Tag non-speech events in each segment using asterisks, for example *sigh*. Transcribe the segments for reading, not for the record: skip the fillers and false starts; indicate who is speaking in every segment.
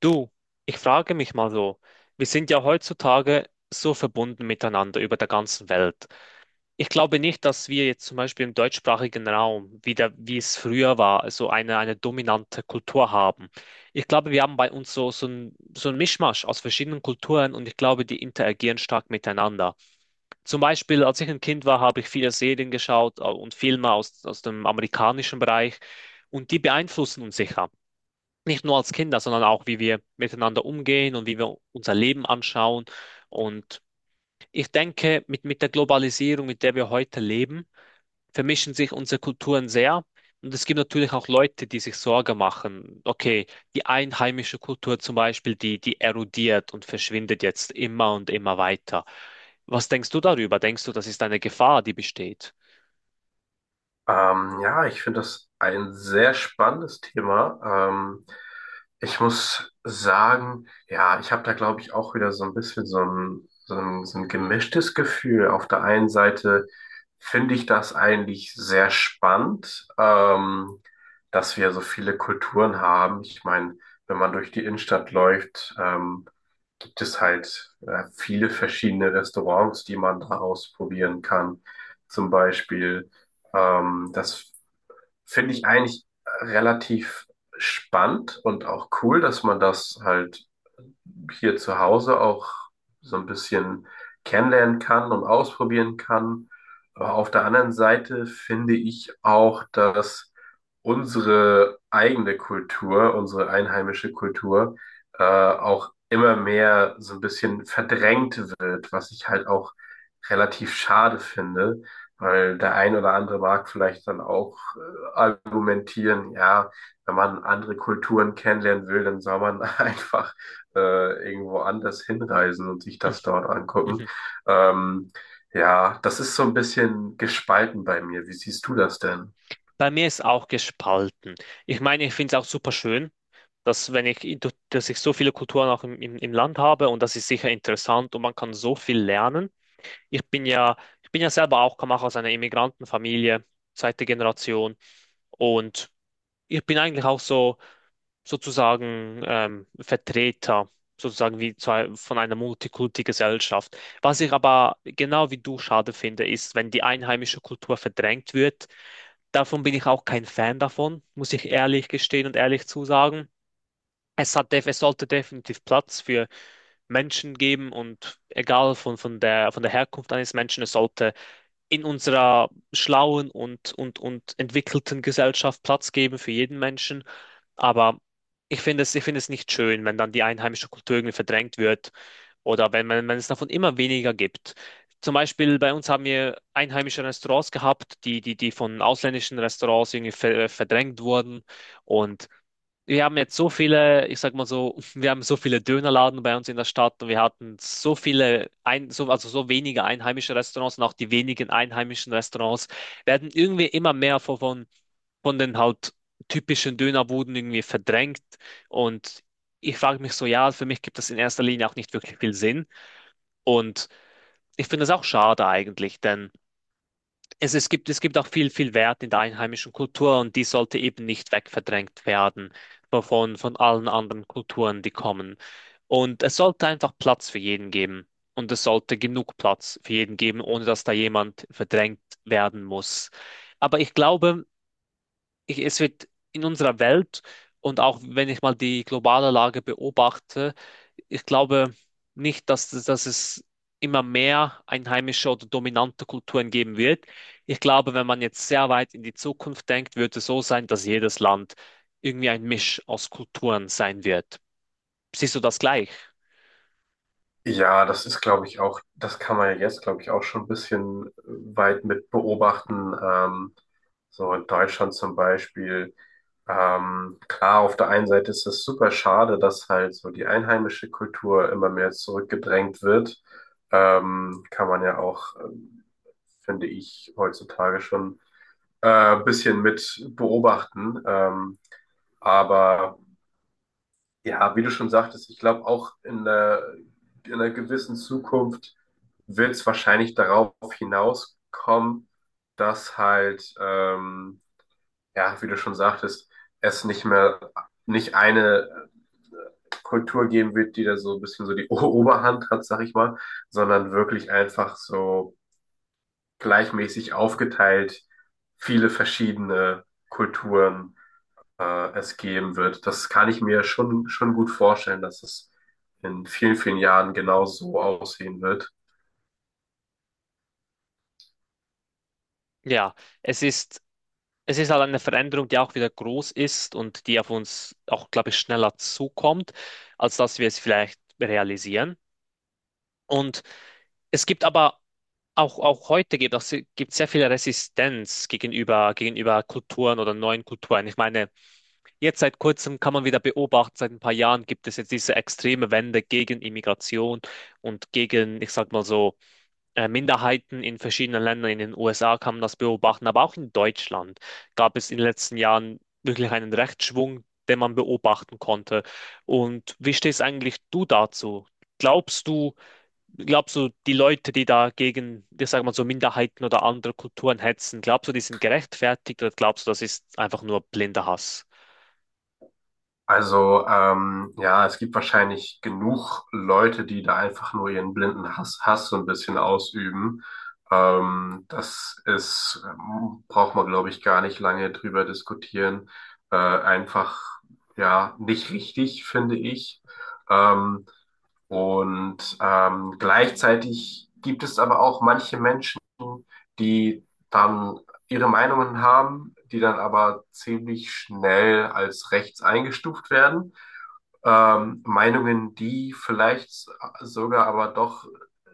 Speaker 1: Du, ich frage mich mal so, wir sind ja heutzutage so verbunden miteinander über der ganzen Welt. Ich glaube nicht, dass wir jetzt zum Beispiel im deutschsprachigen Raum, wieder wie es früher war, eine dominante Kultur haben. Ich glaube, wir haben bei uns so ein Mischmasch aus verschiedenen Kulturen und ich glaube, die interagieren stark miteinander. Zum Beispiel, als ich ein Kind war, habe ich viele Serien geschaut und Filme aus dem amerikanischen Bereich und die beeinflussen uns sicher nicht nur als Kinder, sondern auch, wie wir miteinander umgehen und wie wir unser Leben anschauen. Und ich denke, mit der Globalisierung, mit der wir heute leben, vermischen sich unsere Kulturen sehr. Und es gibt natürlich auch Leute, die sich Sorge machen. Okay, die einheimische Kultur zum Beispiel, die erodiert und verschwindet jetzt immer und immer weiter. Was denkst du darüber? Denkst du, das ist eine Gefahr, die besteht?
Speaker 2: Ja, Ich finde das ein sehr spannendes Thema. Ähm, Ich muss sagen, ja, ich habe da, glaube ich, auch wieder so ein bisschen so ein gemischtes Gefühl. Auf der einen Seite finde ich das eigentlich sehr spannend, dass wir so viele Kulturen haben. Ich meine, wenn man durch die Innenstadt läuft, gibt es halt viele verschiedene Restaurants, die man da ausprobieren kann. Zum Beispiel. Das finde ich eigentlich relativ spannend und auch cool, dass man das halt hier zu Hause auch so ein bisschen kennenlernen kann und ausprobieren kann. Aber auf der anderen Seite finde ich auch, dass unsere eigene Kultur, unsere einheimische Kultur, auch immer mehr so ein bisschen verdrängt wird, was ich halt auch relativ schade finde, weil der ein oder andere mag vielleicht dann auch argumentieren ja, wenn man andere Kulturen kennenlernen will, dann soll man *laughs* einfach irgendwo anders hinreisen und sich das dort
Speaker 1: Mhm.
Speaker 2: angucken. Ähm, ja, Das ist so ein bisschen gespalten bei mir. Wie siehst du das denn?
Speaker 1: Bei mir ist auch gespalten. Ich meine, ich finde es auch super schön, dass wenn ich, in- dass ich so viele Kulturen auch im Land habe und das ist sicher interessant und man kann so viel lernen. Ich bin ja, ich bin ja selber auch, komme auch aus einer Immigrantenfamilie, zweite Generation und ich bin eigentlich auch so Vertreter, sozusagen wie zwei, von einer Multikulti-Gesellschaft. Was ich aber genau wie du schade finde, ist, wenn die einheimische Kultur verdrängt wird. Davon bin ich auch kein Fan davon, muss ich ehrlich gestehen und ehrlich zusagen. Es sollte definitiv Platz für Menschen geben und egal von der Herkunft eines Menschen, es sollte in unserer schlauen und entwickelten Gesellschaft Platz geben für jeden Menschen. Aber ich finde es nicht schön, wenn dann die einheimische Kultur irgendwie verdrängt wird oder wenn es davon immer weniger gibt. Zum Beispiel bei uns haben wir einheimische Restaurants gehabt, die von ausländischen Restaurants irgendwie verdrängt wurden. Und wir haben jetzt so viele, ich sag mal so, *laughs* wir haben so viele Dönerladen bei uns in der Stadt und wir hatten so viele, also so wenige einheimische Restaurants und auch die wenigen einheimischen Restaurants werden irgendwie immer mehr von den halt typischen Dönerbuden irgendwie verdrängt. Und ich frage mich so, ja, für mich gibt das in erster Linie auch nicht wirklich viel Sinn. Und ich finde es auch schade eigentlich, denn es gibt auch viel Wert in der einheimischen Kultur und die sollte eben nicht wegverdrängt werden von allen anderen Kulturen, die kommen. Und es sollte einfach Platz für jeden geben. Und es sollte genug Platz für jeden geben, ohne dass da jemand verdrängt werden muss. Aber es wird in unserer Welt und auch wenn ich mal die globale Lage beobachte, ich glaube nicht, dass es immer mehr einheimische oder dominante Kulturen geben wird. Ich glaube, wenn man jetzt sehr weit in die Zukunft denkt, wird es so sein, dass jedes Land irgendwie ein Misch aus Kulturen sein wird. Siehst du das gleich?
Speaker 2: Ja, das ist, glaube ich, auch, das kann man ja jetzt, glaube ich, auch schon ein bisschen weit mit beobachten. So in Deutschland zum Beispiel. Klar, auf der einen Seite ist es super schade, dass halt so die einheimische Kultur immer mehr zurückgedrängt wird. Kann man ja auch, finde ich, heutzutage schon bisschen mit beobachten. Aber ja, wie du schon sagtest, ich glaube auch in einer gewissen Zukunft wird es wahrscheinlich darauf hinauskommen, dass halt, ja, wie du schon sagtest, es nicht eine Kultur geben wird, die da so ein bisschen so die *laughs* Oberhand hat, sag ich mal, sondern wirklich einfach so gleichmäßig aufgeteilt viele verschiedene Kulturen es geben wird. Das kann ich mir schon gut vorstellen, dass es in vielen, vielen Jahren genau so aussehen wird.
Speaker 1: Ja, es ist, es ist halt eine Veränderung, die auch wieder groß ist und die auf uns auch, glaube ich, schneller zukommt, als dass wir es vielleicht realisieren. Und es gibt aber auch, auch heute gibt sehr viel Resistenz gegenüber Kulturen oder neuen Kulturen. Ich meine, jetzt seit kurzem kann man wieder beobachten, seit ein paar Jahren gibt es jetzt diese extreme Wende gegen Immigration und gegen, ich sag mal so, Minderheiten in verschiedenen Ländern. In den USA kann man das beobachten, aber auch in Deutschland gab es in den letzten Jahren wirklich einen Rechtsschwung, den man beobachten konnte. Und wie stehst eigentlich du dazu? Glaubst du, Glaubst du, die Leute, die da gegen, ich sag mal so, Minderheiten oder andere Kulturen hetzen, glaubst du, die sind gerechtfertigt oder glaubst du, das ist einfach nur blinder Hass?
Speaker 2: Also ja, es gibt wahrscheinlich genug Leute, die da einfach nur ihren blinden Hass so ein bisschen ausüben. Braucht man, glaube ich, gar nicht lange drüber diskutieren. Einfach, ja, nicht richtig, finde ich. Ähm, Gleichzeitig gibt es aber auch manche Menschen, die dann ihre Meinungen haben, die dann aber ziemlich schnell als rechts eingestuft werden. Meinungen, die vielleicht sogar aber doch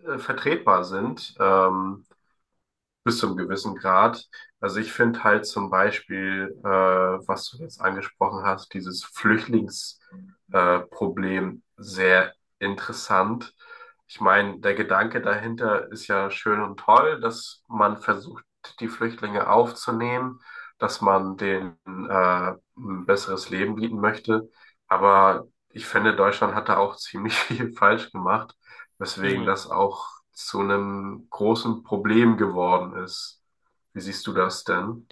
Speaker 2: vertretbar sind. Bis zu einem gewissen Grad. Also ich finde halt zum Beispiel, was du jetzt angesprochen hast, dieses Flüchtlingsproblem Problem sehr interessant. Ich meine, der Gedanke dahinter ist ja schön und toll, dass man versucht, die Flüchtlinge aufzunehmen, dass man denen ein besseres Leben bieten möchte. Aber ich finde, Deutschland hat da auch ziemlich *laughs* viel falsch gemacht, weswegen
Speaker 1: Mhm.
Speaker 2: das auch zu einem großen Problem geworden ist. Wie siehst du das denn?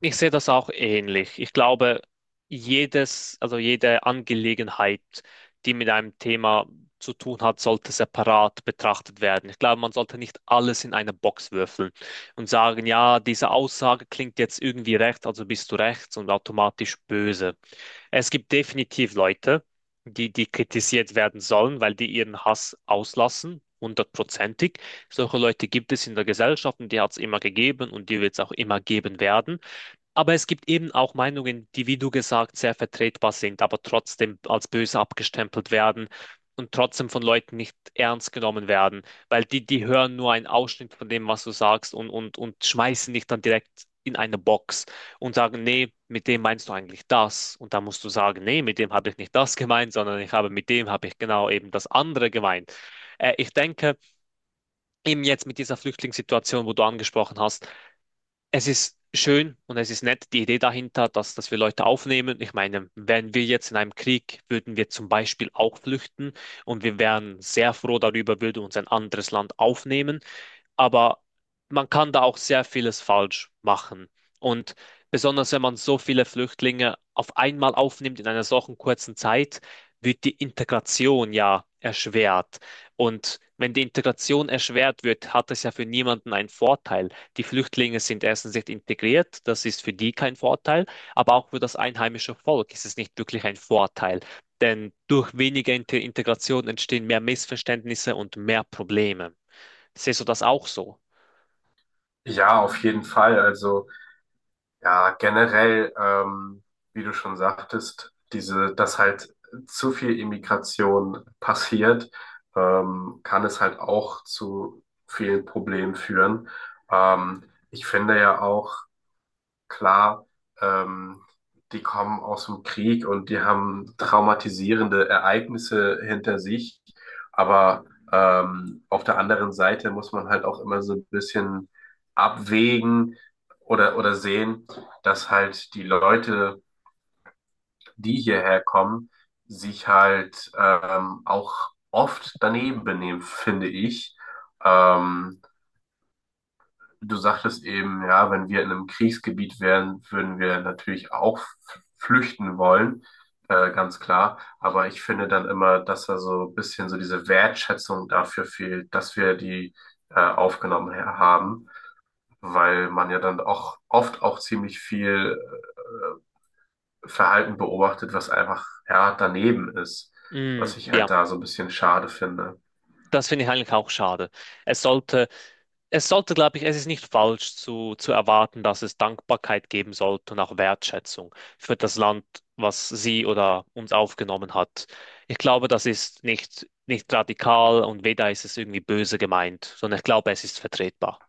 Speaker 1: Ich sehe das auch ähnlich. Ich glaube, jede Angelegenheit, die mit einem Thema zu tun hat, sollte separat betrachtet werden. Ich glaube, man sollte nicht alles in eine Box würfeln und sagen, ja, diese Aussage klingt jetzt irgendwie rechts, also bist du rechts und automatisch böse. Es gibt definitiv Leute, die kritisiert werden sollen, weil die ihren Hass auslassen, hundertprozentig. Solche Leute gibt es in der Gesellschaft und die hat es immer gegeben und die wird es auch immer geben werden. Aber es gibt eben auch Meinungen, die, wie du gesagt, sehr vertretbar sind, aber trotzdem als böse abgestempelt werden und trotzdem von Leuten nicht ernst genommen werden, weil die hören nur einen Ausschnitt von dem, was du sagst und schmeißen dich dann direkt in eine Box und sagen, nee, mit dem meinst du eigentlich das. Und da musst du sagen, nee, mit dem habe ich nicht das gemeint, sondern ich habe mit dem habe ich genau eben das andere gemeint. Ich denke, eben jetzt mit dieser Flüchtlingssituation, wo du angesprochen hast, es ist schön und es ist nett, die Idee dahinter, dass wir Leute aufnehmen. Ich meine, wären wir jetzt in einem Krieg, würden wir zum Beispiel auch flüchten und wir wären sehr froh darüber, würde uns ein anderes Land aufnehmen, aber man kann da auch sehr vieles falsch machen. Und besonders wenn man so viele Flüchtlinge auf einmal aufnimmt in einer solchen kurzen Zeit, wird die Integration ja erschwert. Und wenn die Integration erschwert wird, hat es ja für niemanden einen Vorteil. Die Flüchtlinge sind erstens nicht integriert, das ist für die kein Vorteil, aber auch für das einheimische Volk ist es nicht wirklich ein Vorteil. Denn durch weniger Integration entstehen mehr Missverständnisse und mehr Probleme. Siehst du das auch so?
Speaker 2: Ja, auf jeden Fall. Also ja, generell, wie du schon sagtest, diese, dass halt zu viel Immigration passiert, kann es halt auch zu vielen Problemen führen. Ähm, Ich finde ja auch, klar, ähm, die kommen aus dem Krieg und die haben traumatisierende Ereignisse hinter sich. Aber auf der anderen Seite muss man halt auch immer so ein bisschen abwägen oder sehen, dass halt die Leute, die hierher kommen, sich halt auch oft daneben benehmen, finde ich. Ähm, Du sagtest eben, ja, wenn wir in einem Kriegsgebiet wären, würden wir natürlich auch flüchten wollen, ganz klar. Aber ich finde dann immer, dass da so ein bisschen so diese Wertschätzung dafür fehlt, dass wir die aufgenommen haben, weil man ja dann auch oft auch ziemlich viel Verhalten beobachtet, was einfach ja daneben ist,
Speaker 1: Mm,
Speaker 2: was ich
Speaker 1: ja,
Speaker 2: halt da so ein bisschen schade finde.
Speaker 1: das finde ich eigentlich auch schade. Es sollte, Es sollte, glaube ich, es ist nicht falsch zu erwarten, dass es Dankbarkeit geben sollte und auch Wertschätzung für das Land, was sie oder uns aufgenommen hat. Ich glaube, das ist nicht radikal und weder ist es irgendwie böse gemeint, sondern ich glaube, es ist vertretbar.